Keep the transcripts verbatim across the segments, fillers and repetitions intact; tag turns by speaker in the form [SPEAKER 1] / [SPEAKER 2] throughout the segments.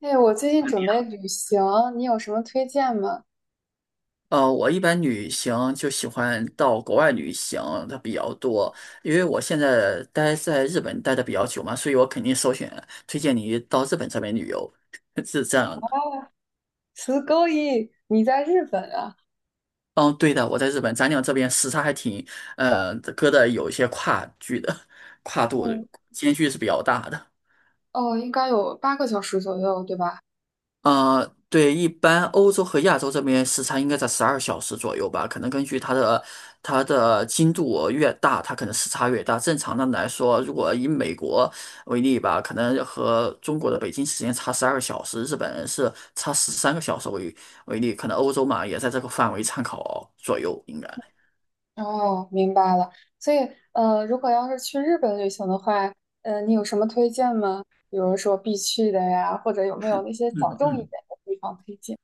[SPEAKER 1] 哎，我最近
[SPEAKER 2] 啊你
[SPEAKER 1] 准备
[SPEAKER 2] 好，
[SPEAKER 1] 旅行，你有什么推荐吗？
[SPEAKER 2] 呃，我一般旅行就喜欢到国外旅行的比较多，因为我现在待在日本待的比较久嘛，所以我肯定首选推荐你到日本这边旅游，是这样的。
[SPEAKER 1] 十勾一，你在日本啊？
[SPEAKER 2] 嗯，对的，我在日本，咱俩这边时差还挺，呃，隔的有一些跨距的，跨度
[SPEAKER 1] 嗯，
[SPEAKER 2] 间距是比较大的。
[SPEAKER 1] 哦，应该有八个小时左右，对吧？
[SPEAKER 2] 呃，对，一般欧洲和亚洲这边时差应该在十二小时左右吧，可能根据它的它的精度越大，它可能时差越大。正常的来说，如果以美国为例吧，可能和中国的北京时间差十二小时，日本人是差十三个小时为为例，可能欧洲嘛也在这个范围参考左右，应该。
[SPEAKER 1] 哦，明白了。所以，呃，如果要是去日本旅行的话，呃，你有什么推荐吗？比如说必去的呀，或者有没有那些小
[SPEAKER 2] 嗯
[SPEAKER 1] 众一
[SPEAKER 2] 嗯。
[SPEAKER 1] 点的地方推荐？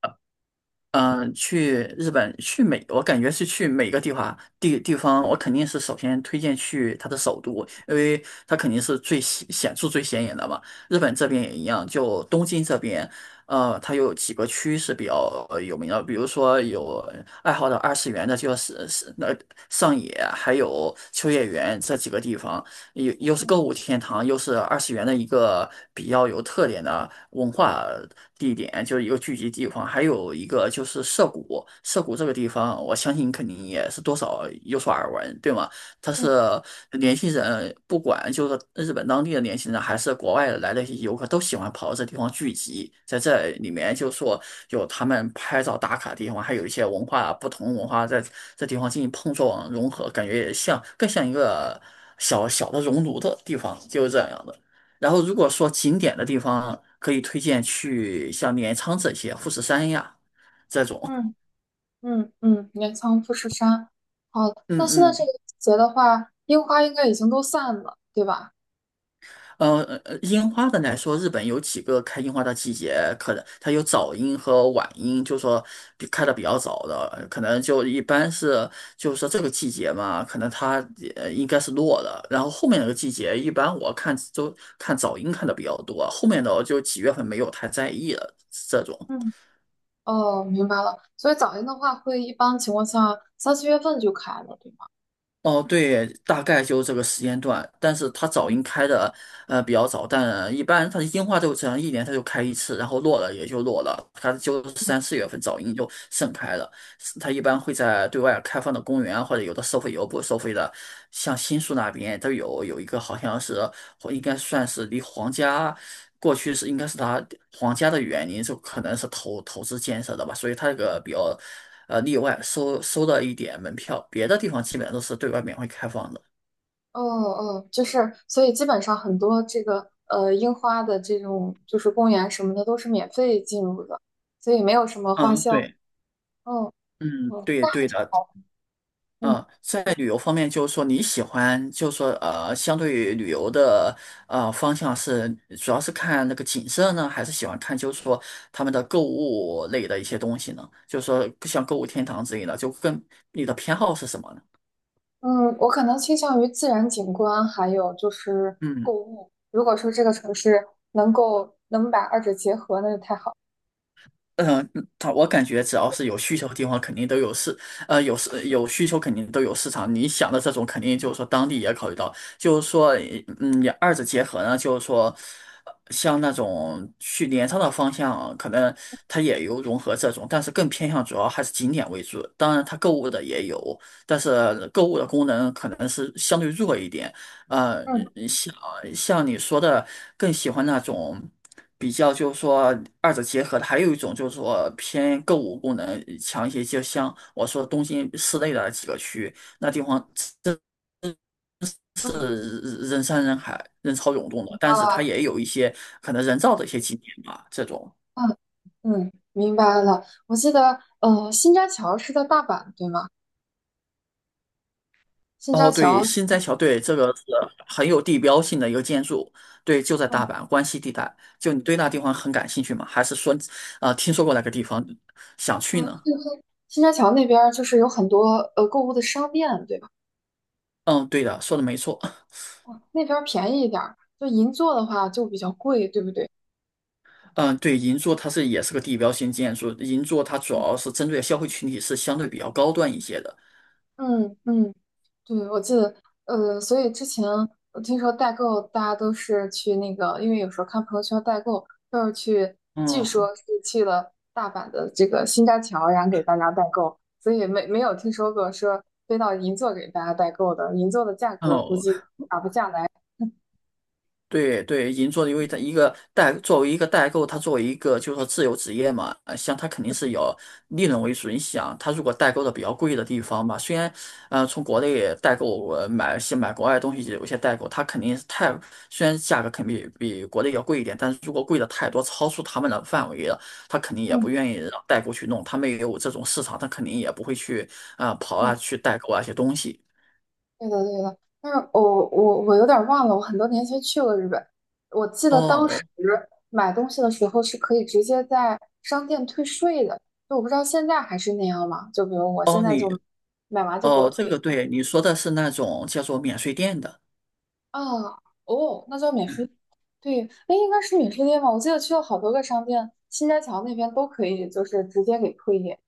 [SPEAKER 2] 嗯、呃去日本，去每，我感觉是去每个地方地地方，我肯定是首先推荐去它的首都，因为它肯定是最显显著、最显眼的嘛。日本这边也一样，就东京这边，呃，它有几个区是比较呃有名的，比如说有爱好的二次元的，就是是那上野，还有秋叶原这几个地方，又又是购物天堂，又是二次元的一个比较有特点的。文化地点，就是一个聚集地方，还有一个就是涩谷。涩谷这个地方，我相信肯定也是多少有所耳闻，对吗？它是
[SPEAKER 1] 嗯
[SPEAKER 2] 年轻人，不管就是日本当地的年轻人，还是国外来的一些游客，都喜欢跑到这地方聚集。在这里面，就说有他们拍照打卡的地方，还有一些文化不同文化在这地方进行碰撞融合，感觉也像更像一个小小的熔炉的地方，就是这样的。然后如果说景点的地方，可以推荐去像镰仓这些、富士山呀这种。
[SPEAKER 1] 嗯，嗯嗯，镰仓、富士山。好，那现
[SPEAKER 2] 嗯
[SPEAKER 1] 在这
[SPEAKER 2] 嗯，
[SPEAKER 1] 个季节的话，樱花应该已经都散了，对吧？
[SPEAKER 2] 呃，呃樱花的来说，日本有几个开樱花的季节，可能它有早樱和晚樱，就说比开的比较早的，可能就一般是就是说这个季节嘛，可能它呃应该是落了，然后后面那个季节，一般我看都看早樱看的比较多，后面的我就几月份没有太在意了这种。
[SPEAKER 1] 嗯。哦，明白了。所以早樱的话，会一般情况下三四月份就开了，对吗？
[SPEAKER 2] 哦，对，大概就这个时间段，但是它早
[SPEAKER 1] 嗯
[SPEAKER 2] 樱开的呃比较早，但一般它的樱花都只能一年它就开一次，然后落了也就落了，它就是
[SPEAKER 1] 嗯。
[SPEAKER 2] 三四月份早樱就盛开了。它一般会在对外开放的公园啊，或者有的收费，有的不收费的。像新宿那边，都有有一个好像是，或应该算是离皇家过去是应该是他皇家的园林，就可能是投投资建设的吧，所以它这个比较呃例外，收收了一点门票，别的地方基本上都是对外免费开放的。
[SPEAKER 1] 哦哦，就是，所以基本上很多这个呃樱花的这种就是公园什么的都是免费进入的，所以没有什么花
[SPEAKER 2] 嗯，
[SPEAKER 1] 销。
[SPEAKER 2] 对，
[SPEAKER 1] 嗯，
[SPEAKER 2] 嗯，
[SPEAKER 1] 哦，
[SPEAKER 2] 对
[SPEAKER 1] 那还
[SPEAKER 2] 对
[SPEAKER 1] 挺
[SPEAKER 2] 的，
[SPEAKER 1] 好。嗯
[SPEAKER 2] 嗯，在旅游方面，就是说你喜欢，就是说呃，相对于旅游的呃方向是，主要是看那个景色呢，还是喜欢看就是说他们的购物类的一些东西呢？就是说像购物天堂之类的，就跟你的偏好是什么呢？
[SPEAKER 1] 嗯，我可能倾向于自然景观，还有就是购
[SPEAKER 2] 嗯
[SPEAKER 1] 物。如果说这个城市能够能把二者结合，那就太好了。
[SPEAKER 2] 呃嗯，他我感觉只要是有需求的地方，肯定都有市，呃，有市有需求，肯定都有市场。你想的这种，肯定就是说当地也考虑到，就是说，嗯，也二者结合呢，就是说，呃像那种去镰仓的方向，可能它也有融合这种，但是更偏向主要还是景点为主。当然，它购物的也有，但是购物的功能可能是相对弱一点。呃，
[SPEAKER 1] 嗯，
[SPEAKER 2] 呃像像你说的，更喜欢那种比较，就是说二者结合的。还有一种就是说偏购物功能强一些，就像我说东京市内的几个区，那地方真
[SPEAKER 1] 嗯，
[SPEAKER 2] 是人山人海、人潮涌动的，但是它
[SPEAKER 1] 啊。
[SPEAKER 2] 也有一些可能人造的一些景点吧，这种。
[SPEAKER 1] 嗯嗯，明白了。我记得，呃，新扎桥是在大阪，对吗？新扎
[SPEAKER 2] 哦，对，
[SPEAKER 1] 桥，
[SPEAKER 2] 新斋桥，对，这个是很有地标性的一个建筑，对，就在
[SPEAKER 1] 嗯
[SPEAKER 2] 大阪关西地带。就你对那地方很感兴趣吗？还是说，呃，听说过那个地方想
[SPEAKER 1] 嗯，
[SPEAKER 2] 去呢？
[SPEAKER 1] 新扎桥那边儿就是有很多呃购物的商店，对吧？
[SPEAKER 2] 嗯，对的，说的没错。
[SPEAKER 1] 嗯，那边儿便宜一点儿，就银座的话就比较贵，对不对？
[SPEAKER 2] 嗯，对，银座它是也是个地标性建筑，银座它主要是针对消费群体是相对比较高端一些的。
[SPEAKER 1] 嗯嗯，对，我记得，呃，所以之前我听说代购，大家都是去那个，因为有时候看朋友圈代购，都是去，据
[SPEAKER 2] 嗯，
[SPEAKER 1] 说是去了大阪的这个新斋桥，然后给大家代购，所以没没有听说过说飞到银座给大家代购的，银座的价格估
[SPEAKER 2] 哦，
[SPEAKER 1] 计打不下来。
[SPEAKER 2] 对对，银座的，因为它一个代作为一个代购，它作为一个就是说自由职业嘛，呃像它肯定是有利润为主。你想，它如果代购的比较贵的地方嘛，虽然呃从国内代购呃买些买国外的东西，有些代购它肯定是太虽然价格肯定比比国内要贵一点，但是如果贵的太多，超出他们的范围了，他肯定也不
[SPEAKER 1] 嗯
[SPEAKER 2] 愿意让代购去弄，他们也有这种市场，他肯定也不会去啊、跑啊
[SPEAKER 1] 嗯。
[SPEAKER 2] 去代购啊一些东西。
[SPEAKER 1] 对的，对的，但是我我我有点儿忘了，我很多年前去过日本，我记得当时
[SPEAKER 2] 哦
[SPEAKER 1] 买东西的时候是可以直接在商店退税的，就我不知道现在还是那样吗？就比如我
[SPEAKER 2] 哦，
[SPEAKER 1] 现
[SPEAKER 2] 哦，
[SPEAKER 1] 在
[SPEAKER 2] 你。
[SPEAKER 1] 就买完就给我
[SPEAKER 2] 哦，这
[SPEAKER 1] 退
[SPEAKER 2] 个对，你说的是那种叫做免税店的。
[SPEAKER 1] 啊，哦，那叫免税，对，那应该是免税店吧？我记得去了好多个商店，新街桥那边都可以，就是直接给退业。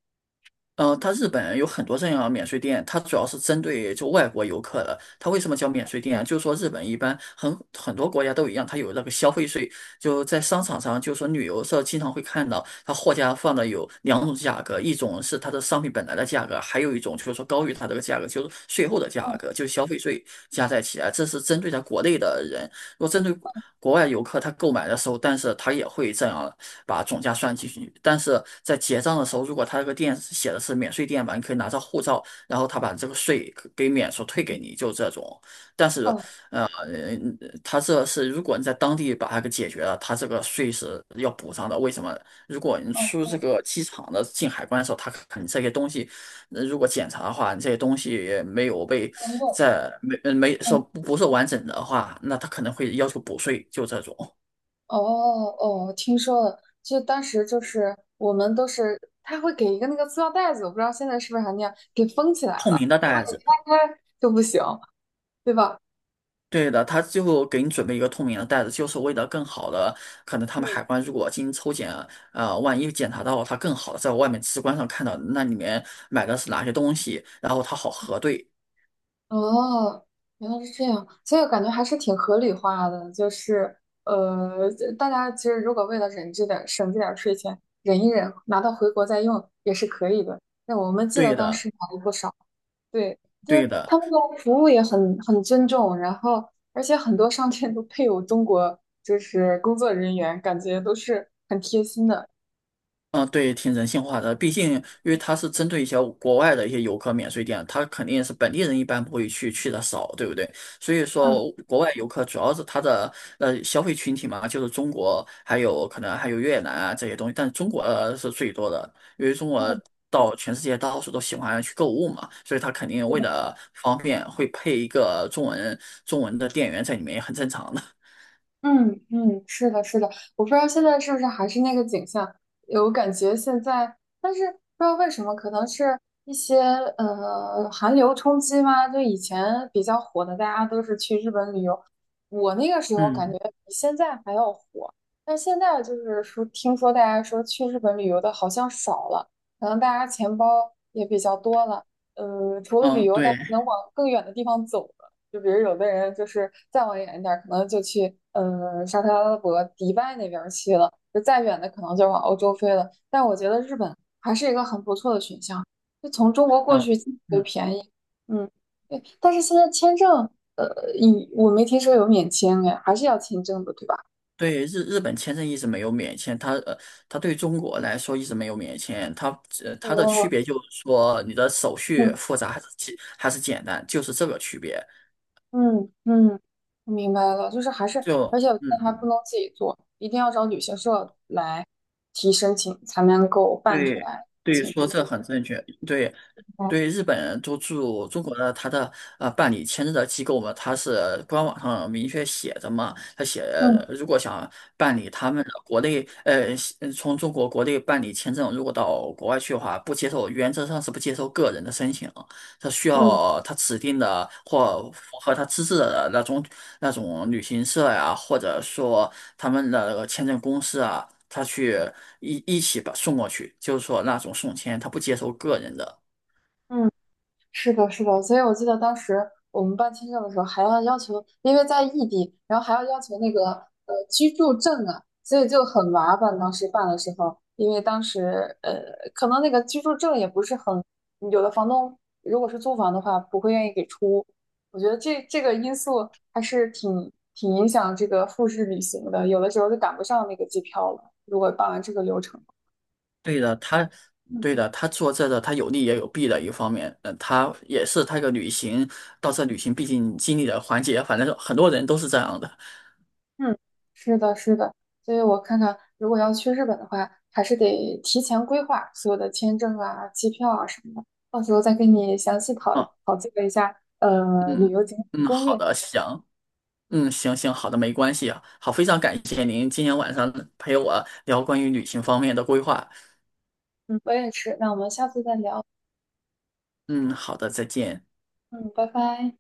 [SPEAKER 2] 嗯，它日本有很多这样的免税店，它主要是针对就外国游客的。它为什么叫免税店啊？就是说日本一般很很多国家都一样，它有那个消费税，就在商场上，就是说旅游社经常会看到，它货架放的有两种价格，一种是它的商品本来的价格，还有一种就是说高于它这个价格，就是税后的价格，就是消费税加在起来，这是针对在国内的人。如果针对国国外游客，他购买的时候，但是他也会这样把总价算进去。但是在结账的时候，如果他这个店写的是免税店吧，你可以拿着护照，然后他把这个税给免除退给你，就这种。但是，
[SPEAKER 1] 嗯，
[SPEAKER 2] 呃，嗯他这是如果你在当地把它给解决了，他这个税是要补上的。为什么？如果你
[SPEAKER 1] 嗯
[SPEAKER 2] 出这
[SPEAKER 1] 嗯，
[SPEAKER 2] 个机场的进海关的时候，他看你这些东西那如果检查的话，这些东西没有被
[SPEAKER 1] 嗯，用
[SPEAKER 2] 在没呃没说
[SPEAKER 1] 嗯。
[SPEAKER 2] 不不是完整的话，那他可能会要求补税，就这种
[SPEAKER 1] 哦哦，听说了，就当时就是我们都是，他会给一个那个塑料袋子，我不知道现在是不是还那样，给封起来
[SPEAKER 2] 透
[SPEAKER 1] 了。
[SPEAKER 2] 明的
[SPEAKER 1] 如果
[SPEAKER 2] 袋
[SPEAKER 1] 你
[SPEAKER 2] 子。
[SPEAKER 1] 拆开就不行，对吧？
[SPEAKER 2] 对的，他最后给你准备一个透明的袋子，就是为了更好的，可能他们
[SPEAKER 1] 嗯，
[SPEAKER 2] 海关如果进行抽检，呃，万一检查到他更好的，在外面直观上看到那里面买的是哪些东西，然后他好核对。
[SPEAKER 1] 哦，原来是这样，所以我感觉还是挺合理化的，就是呃，大家其实如果为了忍这点儿省这点儿税钱，忍一忍，拿到回国再用也是可以的。那我们记得
[SPEAKER 2] 对
[SPEAKER 1] 当时
[SPEAKER 2] 的，
[SPEAKER 1] 买了不少。对，就
[SPEAKER 2] 对
[SPEAKER 1] 是
[SPEAKER 2] 的。
[SPEAKER 1] 他们的服务也很很尊重，然后而且很多商店都配有中国就是工作人员，感觉都是很贴心的。
[SPEAKER 2] 嗯，对，挺人性化的。毕竟，因为它是针对一些国外的一些游客免税店，它肯定是本地人一般不会去，去的少，对不对？所以
[SPEAKER 1] 嗯
[SPEAKER 2] 说，国外游客主要是它的呃消费群体嘛，就是中国，还有可能还有越南啊这些东西，但中国呃是最多的，因为中国
[SPEAKER 1] 嗯，
[SPEAKER 2] 到全世界到处都喜欢去购物嘛，所以它肯定为了方便会配一个中文中文的店员在里面，也很正常的。
[SPEAKER 1] 嗯嗯，是的，是的，我不知道现在是不是还是那个景象，有感觉现在，但是不知道为什么，可能是一些呃寒流冲击嘛，就以前比较火的，大家都是去日本旅游，我那个时 候感
[SPEAKER 2] 嗯
[SPEAKER 1] 觉比现在还要火，但现在就是说，听说大家说去日本旅游的好像少了，可能大家钱包也比较多了，呃，除了旅
[SPEAKER 2] 嗯，
[SPEAKER 1] 游，大
[SPEAKER 2] 对，
[SPEAKER 1] 家能往更远的地方走。就比如有的人就是再往远一点可能就去嗯沙特阿拉伯、迪拜那边去了，就再远的可能就往欧洲飞了。但我觉得日本还是一个很不错的选项，就从中国过去
[SPEAKER 2] 嗯。
[SPEAKER 1] 就
[SPEAKER 2] 嗯。
[SPEAKER 1] 便宜。嗯，对。但是现在签证，呃，以我没听说有免签哎，还是要签证的，对吧？
[SPEAKER 2] 对日日本签证一直没有免签，它呃，它对中国来说一直没有免签，它呃它的区
[SPEAKER 1] 哦，
[SPEAKER 2] 别就是说你的手续
[SPEAKER 1] 嗯，
[SPEAKER 2] 复杂还是简还是简单，就是这个区别。
[SPEAKER 1] 嗯嗯，我明白了，就是还是，
[SPEAKER 2] 就
[SPEAKER 1] 而且我觉得还不
[SPEAKER 2] 嗯，
[SPEAKER 1] 能自己做，一定要找旅行社来提申请，才能够办出
[SPEAKER 2] 对
[SPEAKER 1] 来
[SPEAKER 2] 对，
[SPEAKER 1] 签
[SPEAKER 2] 说
[SPEAKER 1] 证。
[SPEAKER 2] 这很正确。对对，日本都驻中国的他的呃办理签证的机构嘛，他是官网上明确写着嘛，他写呃
[SPEAKER 1] 嗯，
[SPEAKER 2] 如果想办理他们的国内呃西从中国国内办理签证，如果到国外去的话，不接受，原则上是不接受个人的申请。他需
[SPEAKER 1] 嗯
[SPEAKER 2] 要他指定的或符合他资质的那种那种旅行社呀，或者说他们的签证公司啊，他去一一起把送过去，就是说那种送签，他不接受个人的。
[SPEAKER 1] 嗯，是的，是的，所以我记得当时我们办签证的时候，还要要求，因为在异地，然后还要要求那个呃居住证啊，所以就很麻烦。当时办的时候，因为当时呃，可能那个居住证也不是很，有的房东如果是租房的话，不会愿意给出。我觉得这这个因素还是挺挺影响这个复试旅行的，有的时候就赶不上那个机票了。如果办完这个流程。
[SPEAKER 2] 对的，他对的，他做这个他有利也有弊的一方面，嗯，他也是他一个旅行到这旅行必经经历的环节，反正很多人都是这样的。
[SPEAKER 1] 嗯，是的，是的，所以我看看，如果要去日本的话，还是得提前规划所有的签证啊、机票啊什么的，到时候再跟你详细讨
[SPEAKER 2] 嗯
[SPEAKER 1] 讨教一下，呃，旅
[SPEAKER 2] 嗯
[SPEAKER 1] 游景点
[SPEAKER 2] 嗯，
[SPEAKER 1] 攻
[SPEAKER 2] 好
[SPEAKER 1] 略。
[SPEAKER 2] 的，行。嗯，行行，好的，没关系啊。好，非常感谢您今天晚上陪我聊关于旅行方面的规划。
[SPEAKER 1] 嗯，我也是，那我们下次再聊。
[SPEAKER 2] 嗯，好的，再见。
[SPEAKER 1] 嗯，拜拜。